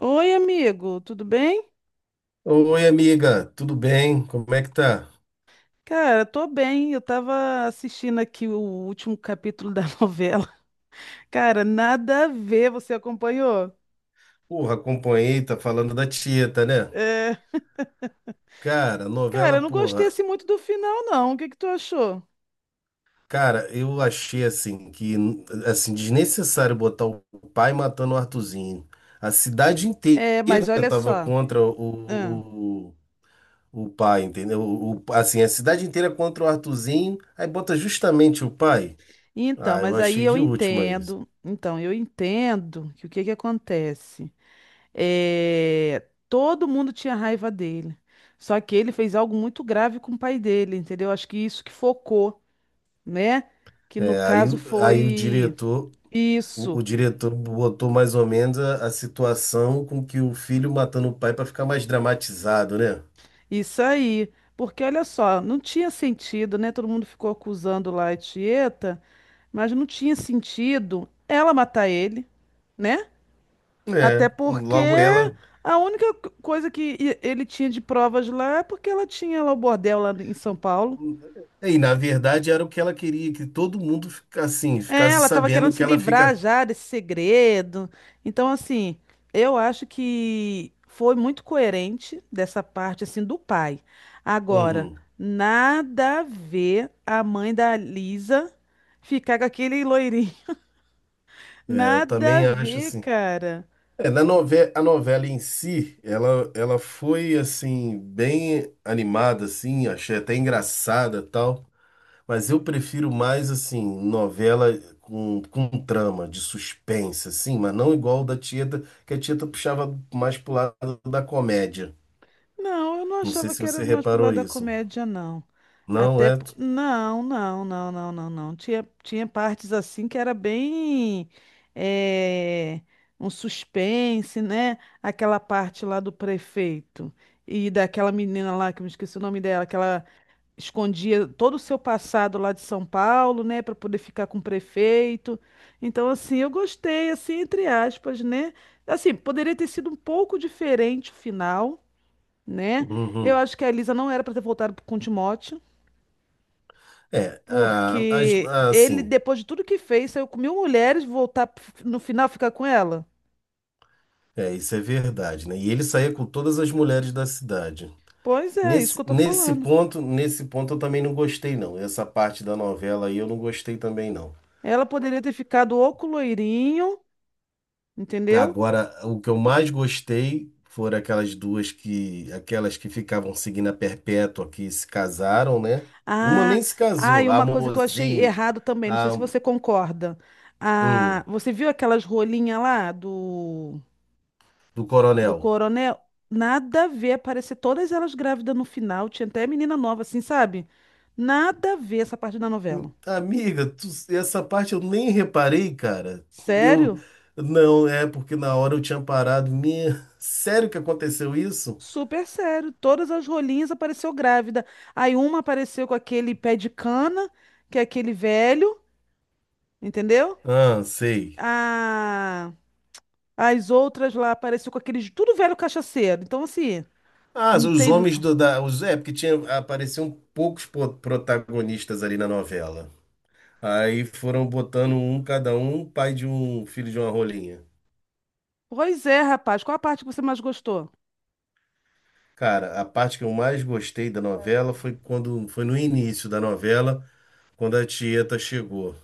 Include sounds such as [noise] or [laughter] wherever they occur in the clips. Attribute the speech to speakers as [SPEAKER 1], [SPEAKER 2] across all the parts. [SPEAKER 1] Oi, amigo, tudo bem?
[SPEAKER 2] Oi, amiga, tudo bem? Como é que tá?
[SPEAKER 1] Cara, tô bem. Eu tava assistindo aqui o último capítulo da [laughs] novela. Cara, nada a ver, você acompanhou?
[SPEAKER 2] Porra, acompanhei, tá falando da Tieta, né?
[SPEAKER 1] É,
[SPEAKER 2] Cara,
[SPEAKER 1] cara,
[SPEAKER 2] novela,
[SPEAKER 1] eu não gostei
[SPEAKER 2] porra.
[SPEAKER 1] assim muito do final, não. O que que tu achou?
[SPEAKER 2] Cara, eu achei assim que assim desnecessário botar o pai matando o Arthurzinho. A cidade
[SPEAKER 1] É,
[SPEAKER 2] inteira
[SPEAKER 1] mas olha
[SPEAKER 2] tava
[SPEAKER 1] só.
[SPEAKER 2] contra
[SPEAKER 1] Ah,
[SPEAKER 2] o pai, entendeu? Assim, a cidade inteira contra o Arthurzinho, aí bota justamente o pai.
[SPEAKER 1] então,
[SPEAKER 2] Ah, eu
[SPEAKER 1] mas aí
[SPEAKER 2] achei
[SPEAKER 1] eu
[SPEAKER 2] de última isso.
[SPEAKER 1] entendo. Então, eu entendo que o que que acontece? É, todo mundo tinha raiva dele. Só que ele fez algo muito grave com o pai dele, entendeu? Acho que isso que focou, né? Que no
[SPEAKER 2] É,
[SPEAKER 1] caso
[SPEAKER 2] aí o
[SPEAKER 1] foi
[SPEAKER 2] diretor.
[SPEAKER 1] isso,
[SPEAKER 2] O diretor botou mais ou menos a situação com que o filho matando o pai para ficar mais dramatizado, né?
[SPEAKER 1] isso aí. Porque olha só, não tinha sentido, né? Todo mundo ficou acusando lá a Tieta, mas não tinha sentido ela matar ele, né? Até
[SPEAKER 2] É,
[SPEAKER 1] porque
[SPEAKER 2] logo ela.
[SPEAKER 1] a única coisa que ele tinha de provas lá é porque ela tinha lá o bordel lá em São Paulo.
[SPEAKER 2] É, e na verdade era o que ela queria, que todo mundo ficasse assim,
[SPEAKER 1] É,
[SPEAKER 2] ficasse
[SPEAKER 1] ela estava querendo
[SPEAKER 2] sabendo que
[SPEAKER 1] se
[SPEAKER 2] ela
[SPEAKER 1] livrar
[SPEAKER 2] fica.
[SPEAKER 1] já desse segredo. Então, assim, eu acho que foi muito coerente dessa parte, assim, do pai. Agora,
[SPEAKER 2] Uhum.
[SPEAKER 1] nada a ver a mãe da Lisa ficar com aquele loirinho. [laughs]
[SPEAKER 2] É, eu
[SPEAKER 1] Nada a
[SPEAKER 2] também acho
[SPEAKER 1] ver,
[SPEAKER 2] assim.
[SPEAKER 1] cara.
[SPEAKER 2] A novela em si, ela foi assim, bem animada, assim, achei até engraçada tal. Mas eu prefiro mais, assim, novela com trama, de suspense, assim, mas não igual da Tieta, que a Tieta puxava mais pro lado da comédia.
[SPEAKER 1] Não, eu não
[SPEAKER 2] Não sei
[SPEAKER 1] achava
[SPEAKER 2] se
[SPEAKER 1] que era
[SPEAKER 2] você
[SPEAKER 1] mais pro
[SPEAKER 2] reparou
[SPEAKER 1] lado da
[SPEAKER 2] isso.
[SPEAKER 1] comédia, não.
[SPEAKER 2] Não
[SPEAKER 1] Até.
[SPEAKER 2] é?
[SPEAKER 1] Não, não, não, não, não, não. Tinha, tinha partes assim que era bem. eh, Um suspense, né? Aquela parte lá do prefeito e daquela menina lá, que eu me esqueci o nome dela, que ela escondia todo o seu passado lá de São Paulo, né, para poder ficar com o prefeito. Então, assim, eu gostei, assim, entre aspas, né? Assim, poderia ter sido um pouco diferente o final, né? Eu
[SPEAKER 2] Uhum.
[SPEAKER 1] acho que a Elisa não era pra ter voltado com o Timóteo, porque ele,
[SPEAKER 2] Assim,
[SPEAKER 1] depois de tudo que fez, saiu com 1000 mulheres, voltar no final ficar com ela.
[SPEAKER 2] é, isso é verdade, né? E ele saía com todas as mulheres da cidade.
[SPEAKER 1] Pois é, isso que eu tô falando.
[SPEAKER 2] Nesse ponto eu também não gostei, não. Essa parte da novela aí eu não gostei também, não.
[SPEAKER 1] Ela poderia ter ficado ou com o loirinho, entendeu?
[SPEAKER 2] Agora, o que eu mais gostei foram aquelas que ficavam seguindo a perpétua, que se casaram, né? Uma
[SPEAKER 1] Ah,
[SPEAKER 2] nem se
[SPEAKER 1] ah, e
[SPEAKER 2] casou, a
[SPEAKER 1] uma coisa que eu achei
[SPEAKER 2] Mozinho,
[SPEAKER 1] errado também, não sei
[SPEAKER 2] a
[SPEAKER 1] se você concorda. Ah,
[SPEAKER 2] um,
[SPEAKER 1] você viu aquelas rolinhas lá do...
[SPEAKER 2] do
[SPEAKER 1] Do
[SPEAKER 2] Coronel.
[SPEAKER 1] coronel, nada a ver. Aparecer todas elas grávidas no final. Tinha até menina nova, assim, sabe? Nada a ver essa parte da novela.
[SPEAKER 2] Amiga, essa parte eu nem reparei, cara. Eu,
[SPEAKER 1] Sério?
[SPEAKER 2] não, é porque na hora eu tinha parado. Minha, sério que aconteceu isso?
[SPEAKER 1] Super sério. Todas as rolinhas apareceu grávida. Aí uma apareceu com aquele pé de cana, que é aquele velho, entendeu?
[SPEAKER 2] Ah, sei.
[SPEAKER 1] A... As outras lá apareceu com aqueles tudo velho cachaceiro. Então, assim,
[SPEAKER 2] Ah,
[SPEAKER 1] não
[SPEAKER 2] os
[SPEAKER 1] tem.
[SPEAKER 2] homens é, porque tinha, apareciam protagonistas ali na novela. Aí foram botando um, cada um, pai de um filho de uma rolinha.
[SPEAKER 1] Pois é, rapaz. Qual a parte que você mais gostou?
[SPEAKER 2] Cara, a parte que eu mais gostei da novela foi quando foi no início da novela, quando a Tieta chegou.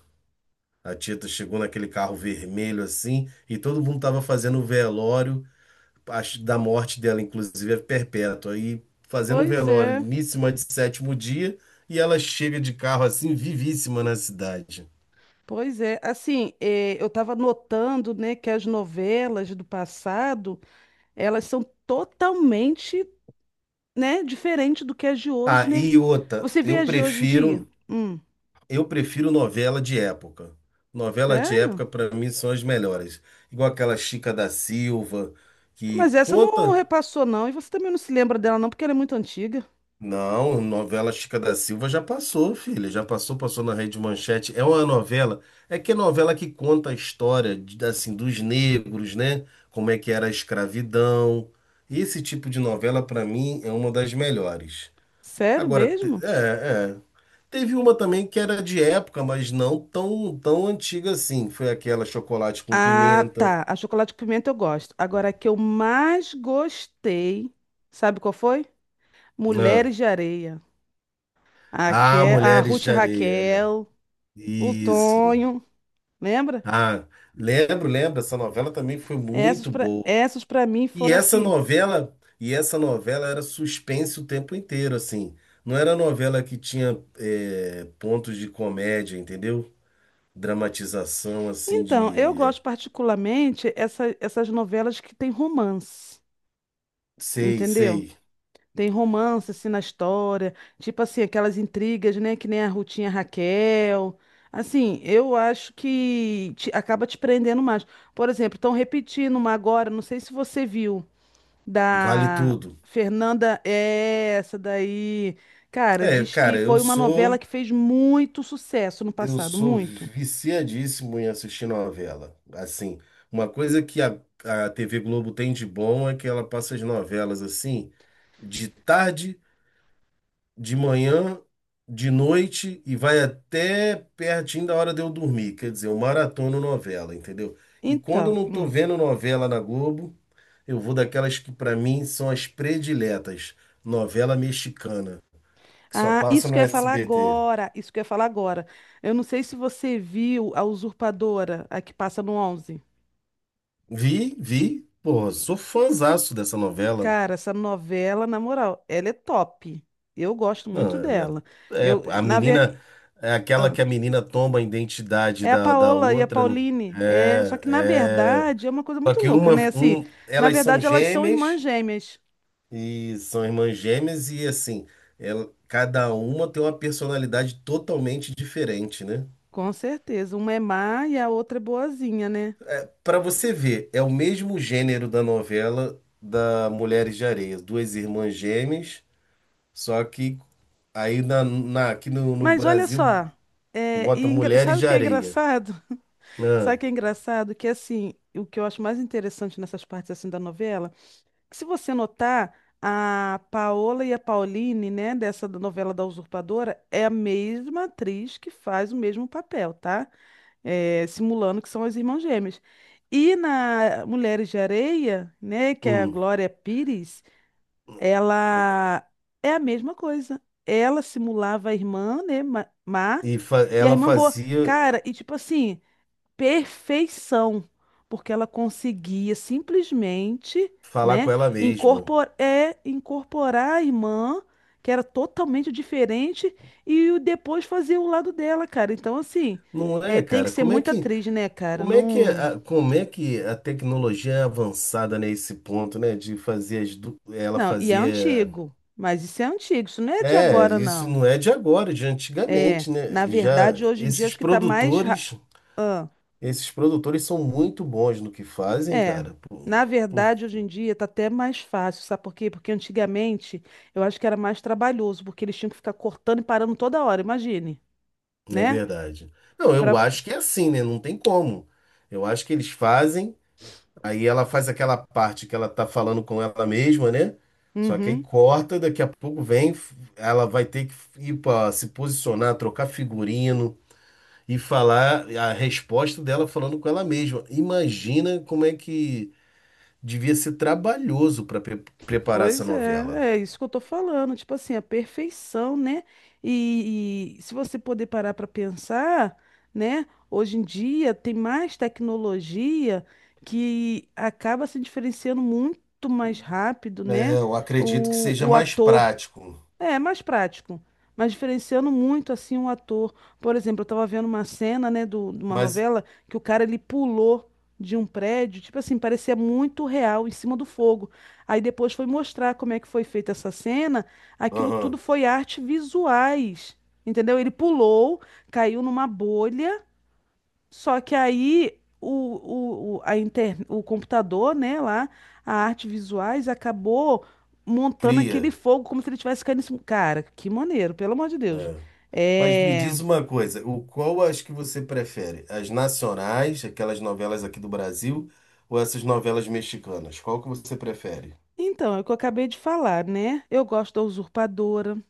[SPEAKER 2] A Tieta chegou naquele carro vermelho assim, e todo mundo tava fazendo o velório acho, da morte dela, inclusive é perpétua. E fazendo um
[SPEAKER 1] Pois
[SPEAKER 2] velório,
[SPEAKER 1] é.
[SPEAKER 2] missa de sétimo dia, e ela chega de carro assim, vivíssima na cidade.
[SPEAKER 1] Pois é, assim, eu estava notando, né, que as novelas do passado, elas são totalmente, né, diferente do que as de hoje,
[SPEAKER 2] Ah,
[SPEAKER 1] né?
[SPEAKER 2] e outra,
[SPEAKER 1] Você vê
[SPEAKER 2] eu
[SPEAKER 1] as de hoje em dia?
[SPEAKER 2] prefiro. Eu prefiro novela de época. Novela de
[SPEAKER 1] Sério?
[SPEAKER 2] época, para mim, são as melhores. Igual aquela Chica da Silva,
[SPEAKER 1] Mas
[SPEAKER 2] que
[SPEAKER 1] essa não
[SPEAKER 2] conta.
[SPEAKER 1] repassou, não, e você também não se lembra dela, não, porque ela é muito antiga.
[SPEAKER 2] Não, novela Chica da Silva já passou, filha. Já passou, passou na Rede Manchete. É uma novela. É que é novela que conta a história, assim, dos negros, né? Como é que era a escravidão. Esse tipo de novela, para mim, é uma das melhores.
[SPEAKER 1] Sério
[SPEAKER 2] Agora,
[SPEAKER 1] mesmo?
[SPEAKER 2] é, é. Teve uma também que era de época, mas não tão antiga assim. Foi aquela chocolate com
[SPEAKER 1] Ah,
[SPEAKER 2] pimenta.
[SPEAKER 1] tá, a Chocolate com Pimenta eu gosto. Agora, a que eu mais gostei, sabe qual foi?
[SPEAKER 2] Né?
[SPEAKER 1] Mulheres de Areia. A,
[SPEAKER 2] Ah,
[SPEAKER 1] A
[SPEAKER 2] Mulheres
[SPEAKER 1] Ruth e
[SPEAKER 2] de Areia.
[SPEAKER 1] Raquel,
[SPEAKER 2] É.
[SPEAKER 1] o
[SPEAKER 2] Isso.
[SPEAKER 1] Tonho. Lembra?
[SPEAKER 2] Ah, lembro, essa novela também foi
[SPEAKER 1] Essas
[SPEAKER 2] muito
[SPEAKER 1] para
[SPEAKER 2] boa.
[SPEAKER 1] essas para mim foram assim.
[SPEAKER 2] E essa novela era suspense o tempo inteiro, assim. Não era novela que tinha é, pontos de comédia, entendeu? Dramatização, assim,
[SPEAKER 1] Então, eu
[SPEAKER 2] de... é,
[SPEAKER 1] gosto particularmente essa, essas novelas que tem romance,
[SPEAKER 2] sei,
[SPEAKER 1] entendeu?
[SPEAKER 2] sei.
[SPEAKER 1] Tem romance assim na história, tipo assim, aquelas intrigas, né, que nem a Rutinha Raquel. Assim, eu acho que acaba te prendendo mais. Por exemplo, estão repetindo uma agora, não sei se você viu.
[SPEAKER 2] Vale
[SPEAKER 1] Da
[SPEAKER 2] tudo.
[SPEAKER 1] Fernanda, é essa daí. Cara,
[SPEAKER 2] É,
[SPEAKER 1] diz que
[SPEAKER 2] cara,
[SPEAKER 1] foi uma novela que fez muito sucesso no
[SPEAKER 2] eu
[SPEAKER 1] passado,
[SPEAKER 2] sou
[SPEAKER 1] muito.
[SPEAKER 2] viciadíssimo em assistir novela. Assim, uma coisa que a TV Globo tem de bom é que ela passa as novelas assim, de tarde, de manhã, de noite e vai até pertinho da hora de eu dormir. Quer dizer, eu maratono novela, entendeu? E quando eu
[SPEAKER 1] Então,
[SPEAKER 2] não tô
[SPEAKER 1] hum.
[SPEAKER 2] vendo novela na Globo, eu vou daquelas que pra mim são as prediletas, novela mexicana, que só
[SPEAKER 1] Ah,
[SPEAKER 2] passa
[SPEAKER 1] isso
[SPEAKER 2] no
[SPEAKER 1] que eu ia falar
[SPEAKER 2] SBT.
[SPEAKER 1] agora, isso que eu ia falar agora. Eu não sei se você viu A Usurpadora, a que passa no onze.
[SPEAKER 2] Vi, vi. Pô, sou fãzaço dessa novela.
[SPEAKER 1] Cara, essa novela, na moral, ela é top. Eu gosto
[SPEAKER 2] Não,
[SPEAKER 1] muito
[SPEAKER 2] ela
[SPEAKER 1] dela.
[SPEAKER 2] é,
[SPEAKER 1] Eu,
[SPEAKER 2] é, a
[SPEAKER 1] na verdade.
[SPEAKER 2] menina é aquela que a menina toma a identidade
[SPEAKER 1] É a
[SPEAKER 2] da
[SPEAKER 1] Paola e a
[SPEAKER 2] outra. Não.
[SPEAKER 1] Pauline. É, só
[SPEAKER 2] É,
[SPEAKER 1] que na
[SPEAKER 2] é.
[SPEAKER 1] verdade é uma coisa
[SPEAKER 2] Só
[SPEAKER 1] muito
[SPEAKER 2] que
[SPEAKER 1] louca,
[SPEAKER 2] uma,
[SPEAKER 1] né? Assim,
[SPEAKER 2] um,
[SPEAKER 1] na
[SPEAKER 2] elas são
[SPEAKER 1] verdade elas são irmãs
[SPEAKER 2] gêmeas
[SPEAKER 1] gêmeas,
[SPEAKER 2] e são irmãs gêmeas e assim, ela, cada uma tem uma personalidade totalmente diferente, né?
[SPEAKER 1] com certeza. Uma é má e a outra é boazinha, né?
[SPEAKER 2] Para você ver, é o mesmo gênero da novela da Mulheres de Areia, duas irmãs gêmeas. Só que aqui no
[SPEAKER 1] Mas olha
[SPEAKER 2] Brasil
[SPEAKER 1] só, é,
[SPEAKER 2] bota
[SPEAKER 1] e
[SPEAKER 2] Mulheres
[SPEAKER 1] sabe o
[SPEAKER 2] de
[SPEAKER 1] que é
[SPEAKER 2] Areia.
[SPEAKER 1] engraçado? [laughs]
[SPEAKER 2] Ah,
[SPEAKER 1] Sabe o que é engraçado? Que assim, o que eu acho mais interessante nessas partes assim da novela, que se você notar, a Paola e a Pauline, né, dessa da novela da Usurpadora, é a mesma atriz que faz o mesmo papel, tá? Simulando que são as irmãs gêmeas. E na Mulheres de Areia, né, que é a
[SPEAKER 2] hum.
[SPEAKER 1] Glória Pires, ela é a mesma coisa. Ela simulava a irmã, né, má, e a
[SPEAKER 2] Ela
[SPEAKER 1] irmã boa.
[SPEAKER 2] fazia
[SPEAKER 1] Cara, e tipo assim, perfeição, porque ela conseguia simplesmente,
[SPEAKER 2] falar com
[SPEAKER 1] né,
[SPEAKER 2] ela mesma.
[SPEAKER 1] incorporar a irmã, que era totalmente diferente, e depois fazer o lado dela, cara. Então, assim,
[SPEAKER 2] Não
[SPEAKER 1] é,
[SPEAKER 2] é,
[SPEAKER 1] tem que
[SPEAKER 2] cara?
[SPEAKER 1] ser muito atriz, né, cara?
[SPEAKER 2] Como é que,
[SPEAKER 1] Não,
[SPEAKER 2] a, como é que a tecnologia é avançada nesse ponto, né? De fazer ela
[SPEAKER 1] não, e é
[SPEAKER 2] fazia.
[SPEAKER 1] antigo, mas isso é antigo, isso não é de
[SPEAKER 2] É,
[SPEAKER 1] agora,
[SPEAKER 2] isso
[SPEAKER 1] não.
[SPEAKER 2] não é de agora, é de
[SPEAKER 1] É,
[SPEAKER 2] antigamente, né?
[SPEAKER 1] na verdade, hoje em dia, acho que tá mais. ra-
[SPEAKER 2] Esses produtores são muito bons no que fazem,
[SPEAKER 1] É,
[SPEAKER 2] cara. Por-
[SPEAKER 1] na
[SPEAKER 2] Porque
[SPEAKER 1] verdade, hoje em dia tá até mais fácil, sabe por quê? Porque antigamente eu acho que era mais trabalhoso, porque eles tinham que ficar cortando e parando toda hora, imagine,
[SPEAKER 2] é
[SPEAKER 1] né?
[SPEAKER 2] verdade. Não, eu
[SPEAKER 1] Pra...
[SPEAKER 2] acho que é assim, né? Não tem como. Eu acho que eles fazem, aí ela faz aquela parte que ela tá falando com ela mesma, né? Só que aí
[SPEAKER 1] Uhum.
[SPEAKER 2] corta, daqui a pouco vem, ela vai ter que ir pra se posicionar, trocar figurino e falar a resposta dela falando com ela mesma. Imagina como é que devia ser trabalhoso para preparar essa
[SPEAKER 1] Pois
[SPEAKER 2] novela.
[SPEAKER 1] é, é isso que eu tô falando, tipo assim, a perfeição, né? E se você poder parar pra pensar, né? Hoje em dia tem mais tecnologia que acaba se diferenciando muito mais rápido,
[SPEAKER 2] É,
[SPEAKER 1] né?
[SPEAKER 2] eu acredito que seja
[SPEAKER 1] O
[SPEAKER 2] mais
[SPEAKER 1] ator.
[SPEAKER 2] prático,
[SPEAKER 1] É, mais prático, mas diferenciando muito assim um ator. Por exemplo, eu tava vendo uma cena, né, de uma
[SPEAKER 2] mas
[SPEAKER 1] novela que o cara ele pulou de um prédio, tipo assim, parecia muito real em cima do fogo. Aí depois foi mostrar como é que foi feita essa cena, aquilo tudo
[SPEAKER 2] aham,
[SPEAKER 1] foi arte visuais. Entendeu? Ele pulou, caiu numa bolha, só que aí o computador, né, lá, a arte visuais, acabou montando aquele
[SPEAKER 2] cria.
[SPEAKER 1] fogo como se ele tivesse caindo em cima. Cara, que maneiro, pelo amor de Deus.
[SPEAKER 2] Mas me
[SPEAKER 1] É...
[SPEAKER 2] diz uma coisa, o qual as que você prefere? As nacionais, aquelas novelas aqui do Brasil, ou essas novelas mexicanas? Qual que você prefere?
[SPEAKER 1] Então, é o que eu acabei de falar, né? Eu gosto da Usurpadora.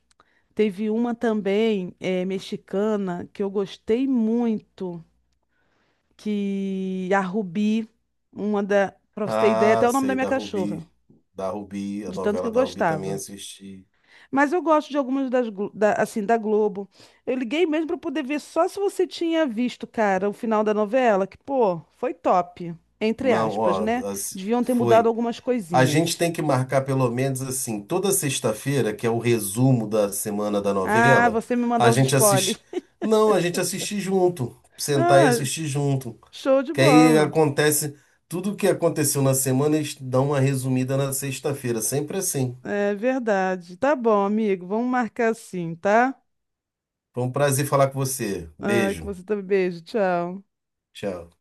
[SPEAKER 1] Teve uma também, é, mexicana, que eu gostei muito, que a Rubi, uma da... Pra você ter ideia,
[SPEAKER 2] Ah,
[SPEAKER 1] até o nome da
[SPEAKER 2] sei,
[SPEAKER 1] minha
[SPEAKER 2] da
[SPEAKER 1] cachorra,
[SPEAKER 2] Rubi. Da Rubi, a
[SPEAKER 1] de tanto que
[SPEAKER 2] novela
[SPEAKER 1] eu
[SPEAKER 2] da Rubi também
[SPEAKER 1] gostava.
[SPEAKER 2] assisti.
[SPEAKER 1] Mas eu gosto de algumas das, da, assim, da Globo. Eu liguei mesmo para poder ver só se você tinha visto, cara, o final da novela, que, pô, foi top, entre
[SPEAKER 2] Não,
[SPEAKER 1] aspas,
[SPEAKER 2] ó,
[SPEAKER 1] né?
[SPEAKER 2] as-
[SPEAKER 1] Deviam ter mudado
[SPEAKER 2] foi.
[SPEAKER 1] algumas
[SPEAKER 2] A gente
[SPEAKER 1] coisinhas.
[SPEAKER 2] tem que marcar pelo menos assim, toda sexta-feira, que é o resumo da semana da
[SPEAKER 1] Ah,
[SPEAKER 2] novela,
[SPEAKER 1] você me mandar
[SPEAKER 2] a
[SPEAKER 1] os
[SPEAKER 2] gente
[SPEAKER 1] spoilers.
[SPEAKER 2] assiste.
[SPEAKER 1] [laughs]
[SPEAKER 2] Não, a gente assiste junto. Sentar e
[SPEAKER 1] Ah,
[SPEAKER 2] assistir junto.
[SPEAKER 1] show de
[SPEAKER 2] Que aí
[SPEAKER 1] bola.
[SPEAKER 2] acontece tudo o que aconteceu na semana, eles dão uma resumida na sexta-feira. Sempre assim.
[SPEAKER 1] É verdade. Tá bom, amigo. Vamos marcar assim, tá?
[SPEAKER 2] Foi um prazer falar com você.
[SPEAKER 1] Ah, que
[SPEAKER 2] Beijo.
[SPEAKER 1] você também. Beijo, tchau.
[SPEAKER 2] Tchau.